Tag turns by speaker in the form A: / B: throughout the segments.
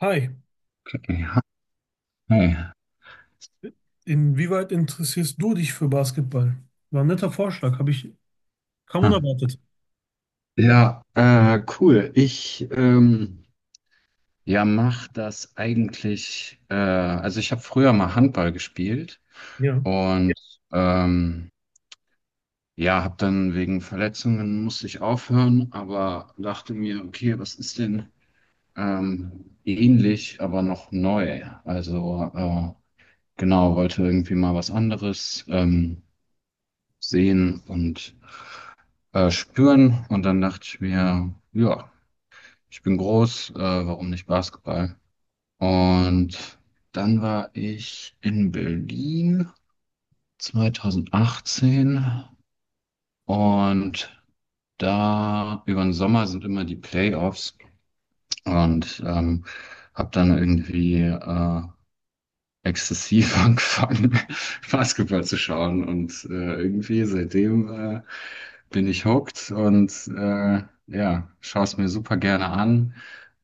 A: Hi,
B: Ja, hey.
A: inwieweit interessierst du dich für Basketball? War ein netter Vorschlag, habe ich kaum
B: Hm.
A: unerwartet.
B: Ja, cool. Ich ja mach das eigentlich. Also ich habe früher mal Handball gespielt
A: Ja.
B: und ähm, ja, habe dann wegen Verletzungen musste ich aufhören, aber dachte mir, okay, was ist denn ähnlich, aber noch neu? Also genau, wollte irgendwie mal was anderes sehen und spüren und dann dachte ich mir, ja. Ich bin groß, warum nicht Basketball? Und dann war ich in Berlin 2018 und da über den Sommer sind immer die Playoffs und habe dann irgendwie exzessiv angefangen, Basketball zu schauen und irgendwie seitdem bin ich hooked und ja, schaue es mir super gerne an.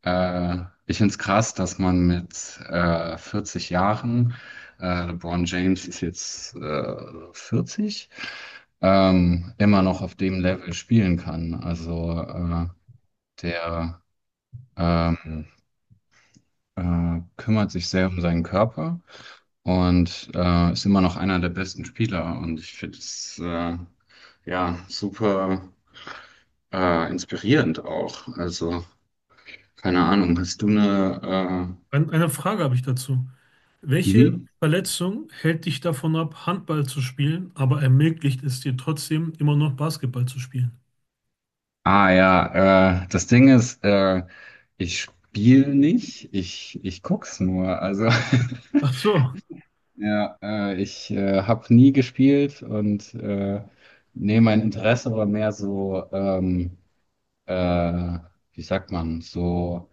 B: Äh, Ich finde es krass, dass man mit 40 Jahren, LeBron James ist jetzt 40, immer noch auf dem Level spielen kann. Also der ähm, kümmert sich sehr um seinen Körper und ist immer noch einer der besten Spieler. Und ich finde es ja super inspirierend auch. Also, keine Ahnung, hast du eine...
A: Eine Frage habe ich dazu. Welche
B: Mhm.
A: Verletzung hält dich davon ab, Handball zu spielen, aber ermöglicht es dir trotzdem immer noch Basketball zu spielen?
B: Ah ja, das Ding ist, ich spiele nicht, ich guck's nur. Also,
A: Ach so,
B: ja, ich habe nie gespielt und nee, mein Interesse war mehr so, äh, wie sagt man, so,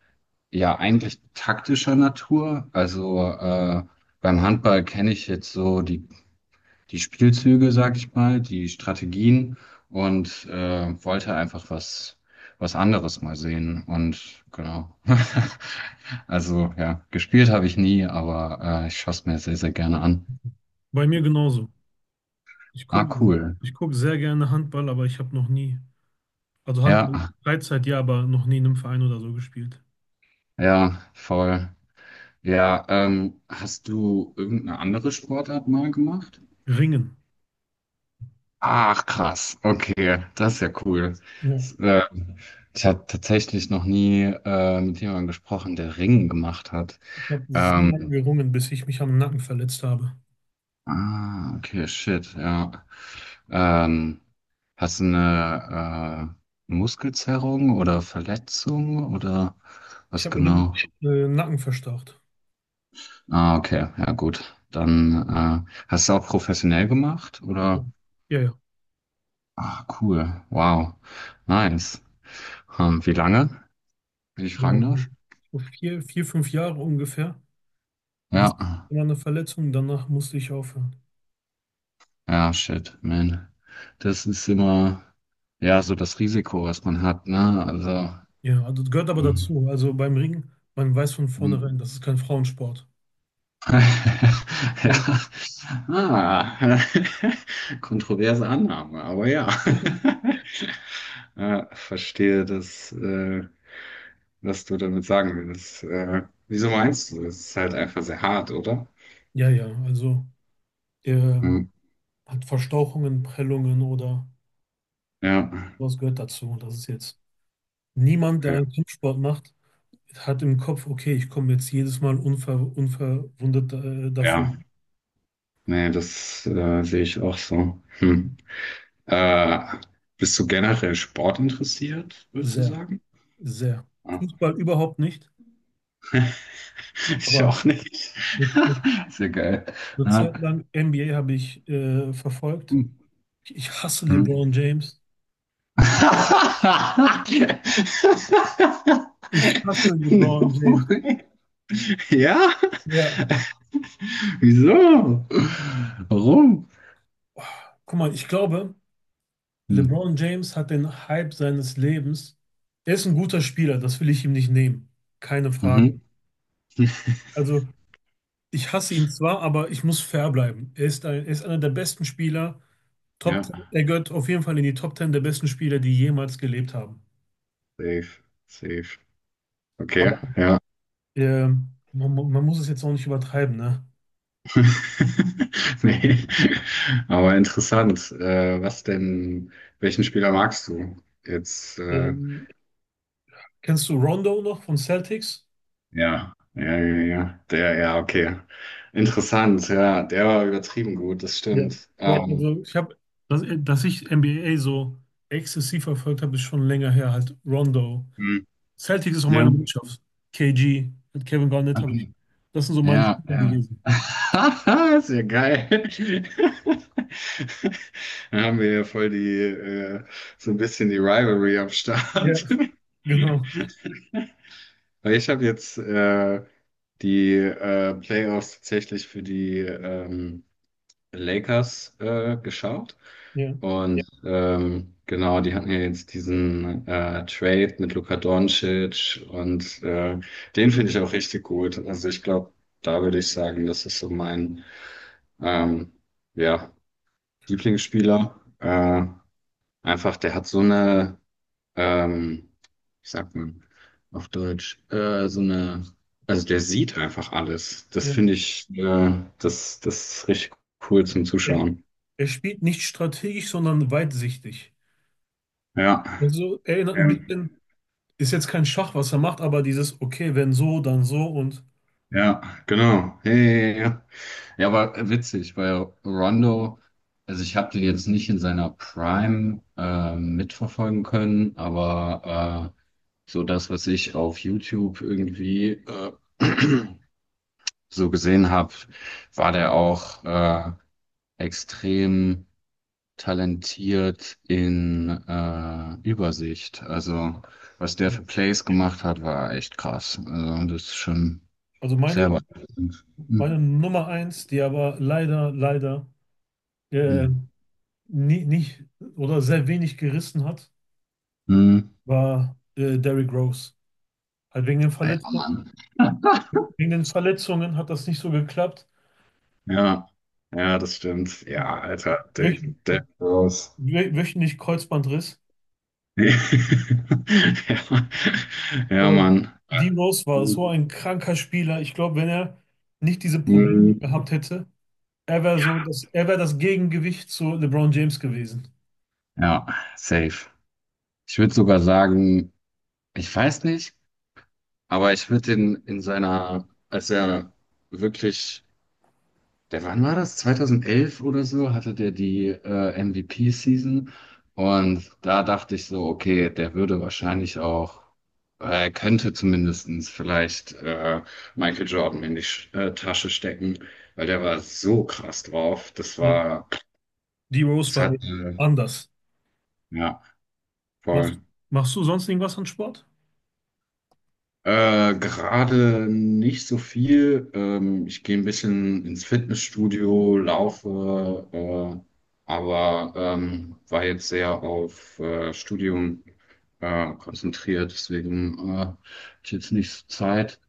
B: ja, eigentlich taktischer Natur. Also, beim Handball kenne ich jetzt so die Spielzüge, sag ich mal, die Strategien und wollte einfach was, was anderes mal sehen. Und genau. Also ja, gespielt habe ich nie, aber ich schaue es mir sehr, sehr gerne an.
A: bei mir genauso. Ich
B: Ah,
A: gucke
B: cool.
A: ich guck sehr gerne Handball, aber ich habe noch nie, also
B: Ja,
A: Handball Freizeit ja, aber noch nie in einem Verein oder so gespielt.
B: ja, voll. Ja, hast du irgendeine andere Sportart mal gemacht?
A: Ringen.
B: Ach, krass. Okay, das ist ja cool.
A: Ja,
B: S- Äh, Ich habe tatsächlich noch nie mit jemandem gesprochen, der Ringen gemacht hat.
A: ich habe sehr
B: Ähm,
A: lange gerungen, bis ich mich am Nacken verletzt habe.
B: ah, okay, shit, ja. Ähm, hast du eine Muskelzerrung oder Verletzung oder
A: Ich
B: was
A: habe mir den
B: genau?
A: Nacken verstaucht.
B: Ah, okay, ja gut. Dann hast du auch professionell gemacht oder?
A: Ja, ja, ja.
B: Ah, cool, wow, nice. Wie lange, wenn ich fragen darf?
A: Ähm, so vier, fünf Jahre ungefähr.
B: Ja,
A: Bis immer eine Verletzung, danach musste ich aufhören.
B: ja, shit, man. Das ist immer, ja, so das Risiko, was man hat, ne? Also,
A: Ja, also das gehört aber dazu. Also beim Ringen, man weiß von vornherein,
B: mhm.
A: das ist kein Frauensport.
B: Ja.
A: Kein,
B: Ah. Kontroverse Annahme, aber ja. Ja, verstehe, dass, was du damit sagen willst. Wieso meinst du? Es ist halt einfach sehr hart, oder?
A: ja, ja, also der
B: Hm.
A: hat Verstauchungen, Prellungen oder
B: Ja,
A: was gehört dazu. Das ist jetzt niemand, der
B: ja,
A: einen Kampfsport macht, hat im Kopf, okay, ich komme jetzt jedes Mal unverwundet
B: ja.
A: davon.
B: Nee, das sehe ich auch so. Hm. Äh, bist du generell Sport interessiert, würdest du
A: Sehr,
B: sagen?
A: sehr.
B: Ja.
A: Fußball überhaupt nicht.
B: Ich
A: Aber
B: auch nicht.
A: eine, eine,
B: Sehr geil.
A: eine
B: Ja.
A: Zeit lang NBA habe ich verfolgt.
B: Hm.
A: Ich hasse
B: Hm.
A: LeBron James. Ich hasse LeBron James.
B: Ja?
A: Ja,
B: Wieso? Warum?
A: guck mal, ich glaube,
B: Hm.
A: LeBron James hat den Hype seines Lebens. Er ist ein guter Spieler, das will ich ihm nicht nehmen. Keine Frage.
B: Mhm.
A: Also, ich hasse ihn zwar, aber ich muss fair bleiben. Er ist ein, er ist einer der besten Spieler. Top,
B: Ja,
A: er gehört auf jeden Fall in die Top 10 der besten Spieler, die jemals gelebt haben.
B: safe, safe. Okay,
A: Aber
B: ja.
A: man, man muss es jetzt auch nicht übertreiben, ne?
B: Nee. Aber interessant. Was denn, welchen Spieler magst du? Jetzt,
A: Ähm, kennst du Rondo noch von Celtics?
B: ja, ja, ja, ja, ja. Der, ja, okay. Interessant, ja. Der war übertrieben gut, das
A: Ja.
B: stimmt.
A: Also ich habe, dass ich NBA so exzessiv verfolgt habe, ist schon länger her. Halt Rondo.
B: Hm.
A: Celtics ist auch
B: Ja.
A: meine Mannschaft. KG, mit Kevin Garnett habe ich. Das sind so meine
B: Ja,
A: Spieler
B: ja.
A: gewesen.
B: Ist ja geil. Da haben wir ja voll die, so ein bisschen die Rivalry am
A: Ja,
B: Start.
A: genau.
B: Weil ich habe jetzt die Playoffs tatsächlich für die Lakers geschaut. Ja.
A: Ja,
B: Und genau, die hatten ja jetzt diesen Trade mit Luka Doncic und den finde ich auch richtig gut. Also ich glaube, da würde ich sagen, das ist so mein. Ähm, ja, Lieblingsspieler. Einfach, der hat so eine, ähm, wie sagt man auf Deutsch, so eine, also der sieht einfach alles. Das
A: ja.
B: finde ich, das, das ist richtig cool zum
A: Er,
B: Zuschauen.
A: er spielt nicht strategisch, sondern weitsichtig.
B: Ja,
A: Also erinnert ein
B: ähm,
A: bisschen, ist jetzt kein Schach, was er macht, aber dieses, okay, wenn so, dann so und
B: ja, genau. Ja, ja, ja. Ja, ja, aber witzig, weil Rondo, also ich habe den jetzt nicht in seiner Prime mitverfolgen können, aber so das, was ich auf YouTube irgendwie so gesehen habe, war der auch extrem talentiert in Übersicht. Also was der
A: ja.
B: für Plays gemacht hat, war echt krass. Also das ist schon
A: Also
B: sehr
A: meine,
B: beeindruckend. Hm.
A: meine Nummer eins, die aber leider, leider äh,
B: Hm.
A: nie, nicht oder sehr wenig gerissen hat,
B: Hm.
A: war Derrick Rose. Halt
B: Alter Mann.
A: Wegen den Verletzungen hat das nicht so geklappt.
B: Ja, ja, das stimmt. Ja, Alter, der,
A: Wöch,
B: der raus.
A: wöchentlich Kreuzbandriss.
B: Ja, ja,
A: Aber
B: Mann.
A: Dean Rose war so ein kranker Spieler. Ich glaube, wenn er nicht diese Probleme
B: Hm.
A: gehabt hätte, er wäre das Gegengewicht zu LeBron James gewesen.
B: Ja, safe. Ich würde sogar sagen, ich weiß nicht, aber ich würde den in seiner, als er wirklich der, wann war das? 2011 oder so hatte der die MVP-Season und da dachte ich so, okay, der würde wahrscheinlich auch, er könnte zumindestens vielleicht Michael Jordan in die Sch Tasche stecken, weil der war so krass drauf. Das
A: Ja.
B: war,
A: D. Rose
B: das
A: war eh
B: hat,
A: anders.
B: ja,
A: Machst,
B: voll.
A: machst du sonst irgendwas an Sport?
B: Gerade nicht so viel. Ich gehe ein bisschen ins Fitnessstudio, laufe, aber war jetzt sehr auf Studium konzentriert, deswegen hatte ich jetzt nicht so Zeit.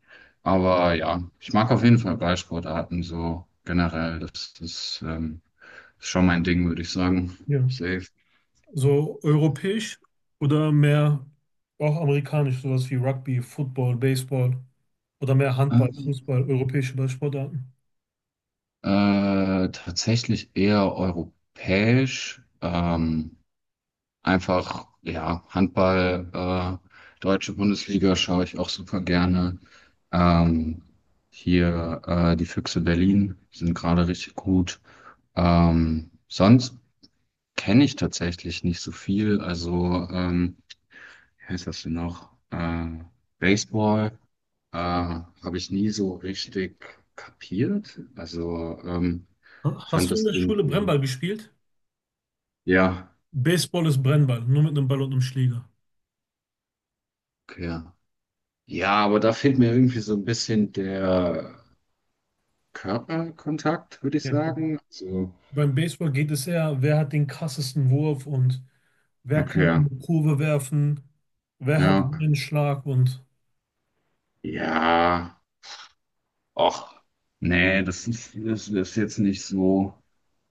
B: Aber ja, ich mag auf jeden Fall Ballsportarten so generell. Das ist, schon mein Ding, würde ich sagen.
A: Ja.
B: Safe.
A: So europäisch oder mehr auch amerikanisch, sowas wie Rugby, Football, Baseball oder mehr Handball, Fußball,
B: Ähm,
A: europäische Ballsportarten.
B: Tatsächlich eher europäisch. Einfach, ja, Handball, äh, deutsche Bundesliga schaue ich auch super gerne. Ähm, hier die Füchse Berlin sind gerade richtig gut. Sonst kenne ich tatsächlich nicht so viel. Also, wie heißt das denn noch? Baseball habe ich nie so richtig kapiert. Also, fand
A: Hast du in
B: das
A: der Schule
B: irgendwie,
A: Brennball gespielt?
B: ja,
A: Baseball ist Brennball, nur mit einem Ball und einem Schläger.
B: okay, ja. Ja, aber da fehlt mir irgendwie so ein bisschen der Körperkontakt, würde ich
A: Ja.
B: sagen. So,
A: Beim Baseball geht es eher, wer hat den krassesten Wurf und wer kann
B: okay,
A: in die Kurve werfen, wer hat
B: ja.
A: einen Schlag und
B: Ja, och, nee, das ist jetzt nicht so,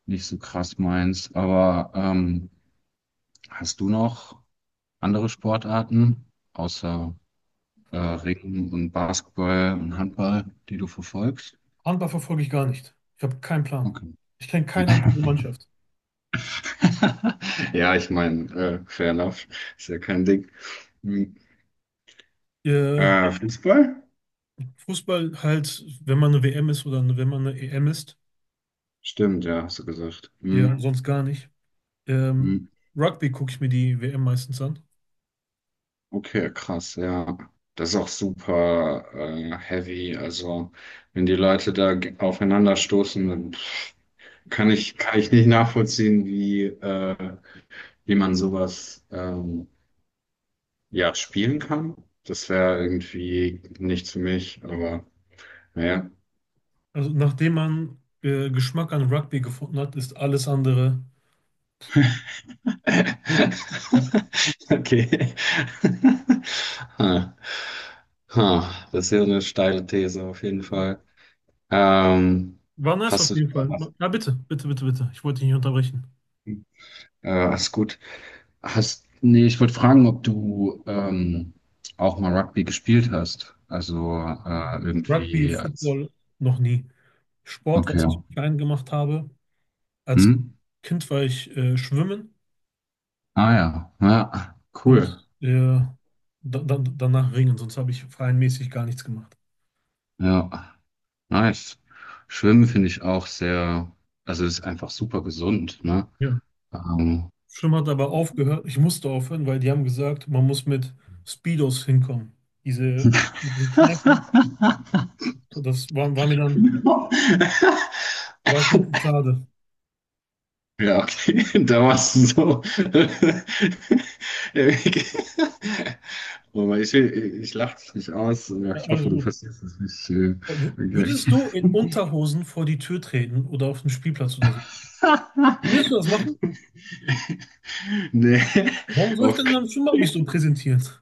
B: nicht so krass meins. Aber hast du noch andere Sportarten außer Ringen und Basketball und Handball, die du verfolgst?
A: Handball verfolge ich gar nicht. Ich habe keinen Plan.
B: Okay.
A: Ich kenne keine einzige Mannschaft.
B: Ja, ich meine, fair enough, ist ja kein Ding. Hm.
A: Äh,
B: Fußball?
A: Fußball halt, wenn man eine WM ist oder wenn man eine EM ist,
B: Stimmt, ja, hast du gesagt.
A: ja, mhm,
B: Hm,
A: sonst gar nicht. Ähm,
B: hm.
A: Rugby gucke ich mir die WM meistens an.
B: Okay, krass, ja. Das ist auch super heavy. Also, wenn die Leute da aufeinander stoßen, dann pff, kann ich nicht nachvollziehen, wie, wie man sowas ja, spielen kann. Das wäre irgendwie nichts für mich, aber naja.
A: Also nachdem man Geschmack an Rugby gefunden hat, ist alles andere. Ja.
B: Okay. Ha. Ha. Das ist ja eine steile These auf jeden Fall. Ähm,
A: War nice auf
B: hast du
A: jeden
B: denn
A: Fall.
B: noch.
A: Ja, bitte, bitte, bitte, bitte. Ich wollte dich nicht unterbrechen.
B: Alles gut. Hast, nee, ich wollte fragen, ob du auch mal Rugby gespielt hast. Also
A: Rugby,
B: irgendwie als.
A: Football noch nie. Sport, was
B: Okay.
A: ich klein gemacht habe. Als
B: Hm?
A: Kind war ich schwimmen
B: Ah ja. Ja, cool.
A: und äh, danach ringen, sonst habe ich vereinsmäßig gar nichts gemacht.
B: Ja, nice. Schwimmen finde ich auch sehr, also ist einfach super gesund, ne?
A: Ja.
B: Ähm.
A: Schwimmen hat aber aufgehört. Ich musste aufhören, weil die haben gesagt, man muss mit Speedos hinkommen. Diese, diese Kneipen, war mir dann, war ich mir zu schade.
B: Ja, okay, da warst du so. Aber ich lache dich nicht aus. Ja,
A: Ja,
B: ich
A: alles
B: hoffe, du
A: gut.
B: verstehst es nicht. Gleich.
A: Würdest du in Unterhosen vor die Tür treten oder auf den Spielplatz oder so? Willst du das machen?
B: Nee,
A: Warum soll ich
B: auf,
A: denn in einem Schwimmbad mich so präsentieren?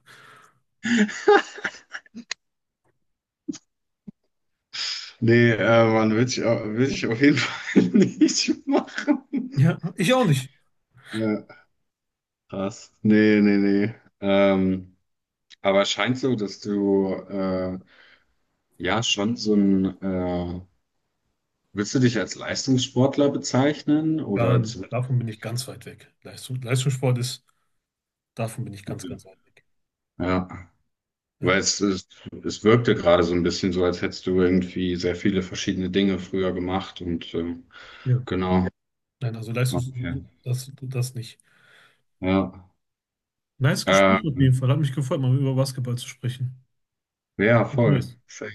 B: nee, Mann, will ich, will ich auf jeden Fall nicht machen.
A: Ja, ich auch nicht.
B: Ja, krass. Nee, nee, nee. Aber es scheint so, dass du ja schon so ein, willst du dich als Leistungssportler bezeichnen
A: Gar
B: oder zu,
A: nicht. Davon bin ich ganz weit weg. Leistungssport ist, davon bin ich ganz, ganz weit weg.
B: ja. Weil
A: Ja.
B: es wirkte gerade so ein bisschen so, als hättest du irgendwie sehr viele verschiedene Dinge früher gemacht und
A: Ja.
B: genau.
A: Nein, also Leistungs,
B: Okay.
A: das, das nicht.
B: Ja.
A: Nice Gespräch auf jeden
B: Ähm,
A: Fall. Hat mich gefreut, mal über Basketball zu sprechen.
B: ja,
A: Bis
B: voll.
A: Neues.
B: Safe.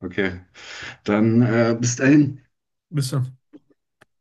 B: Okay. Dann bis dahin.
A: Bis dann.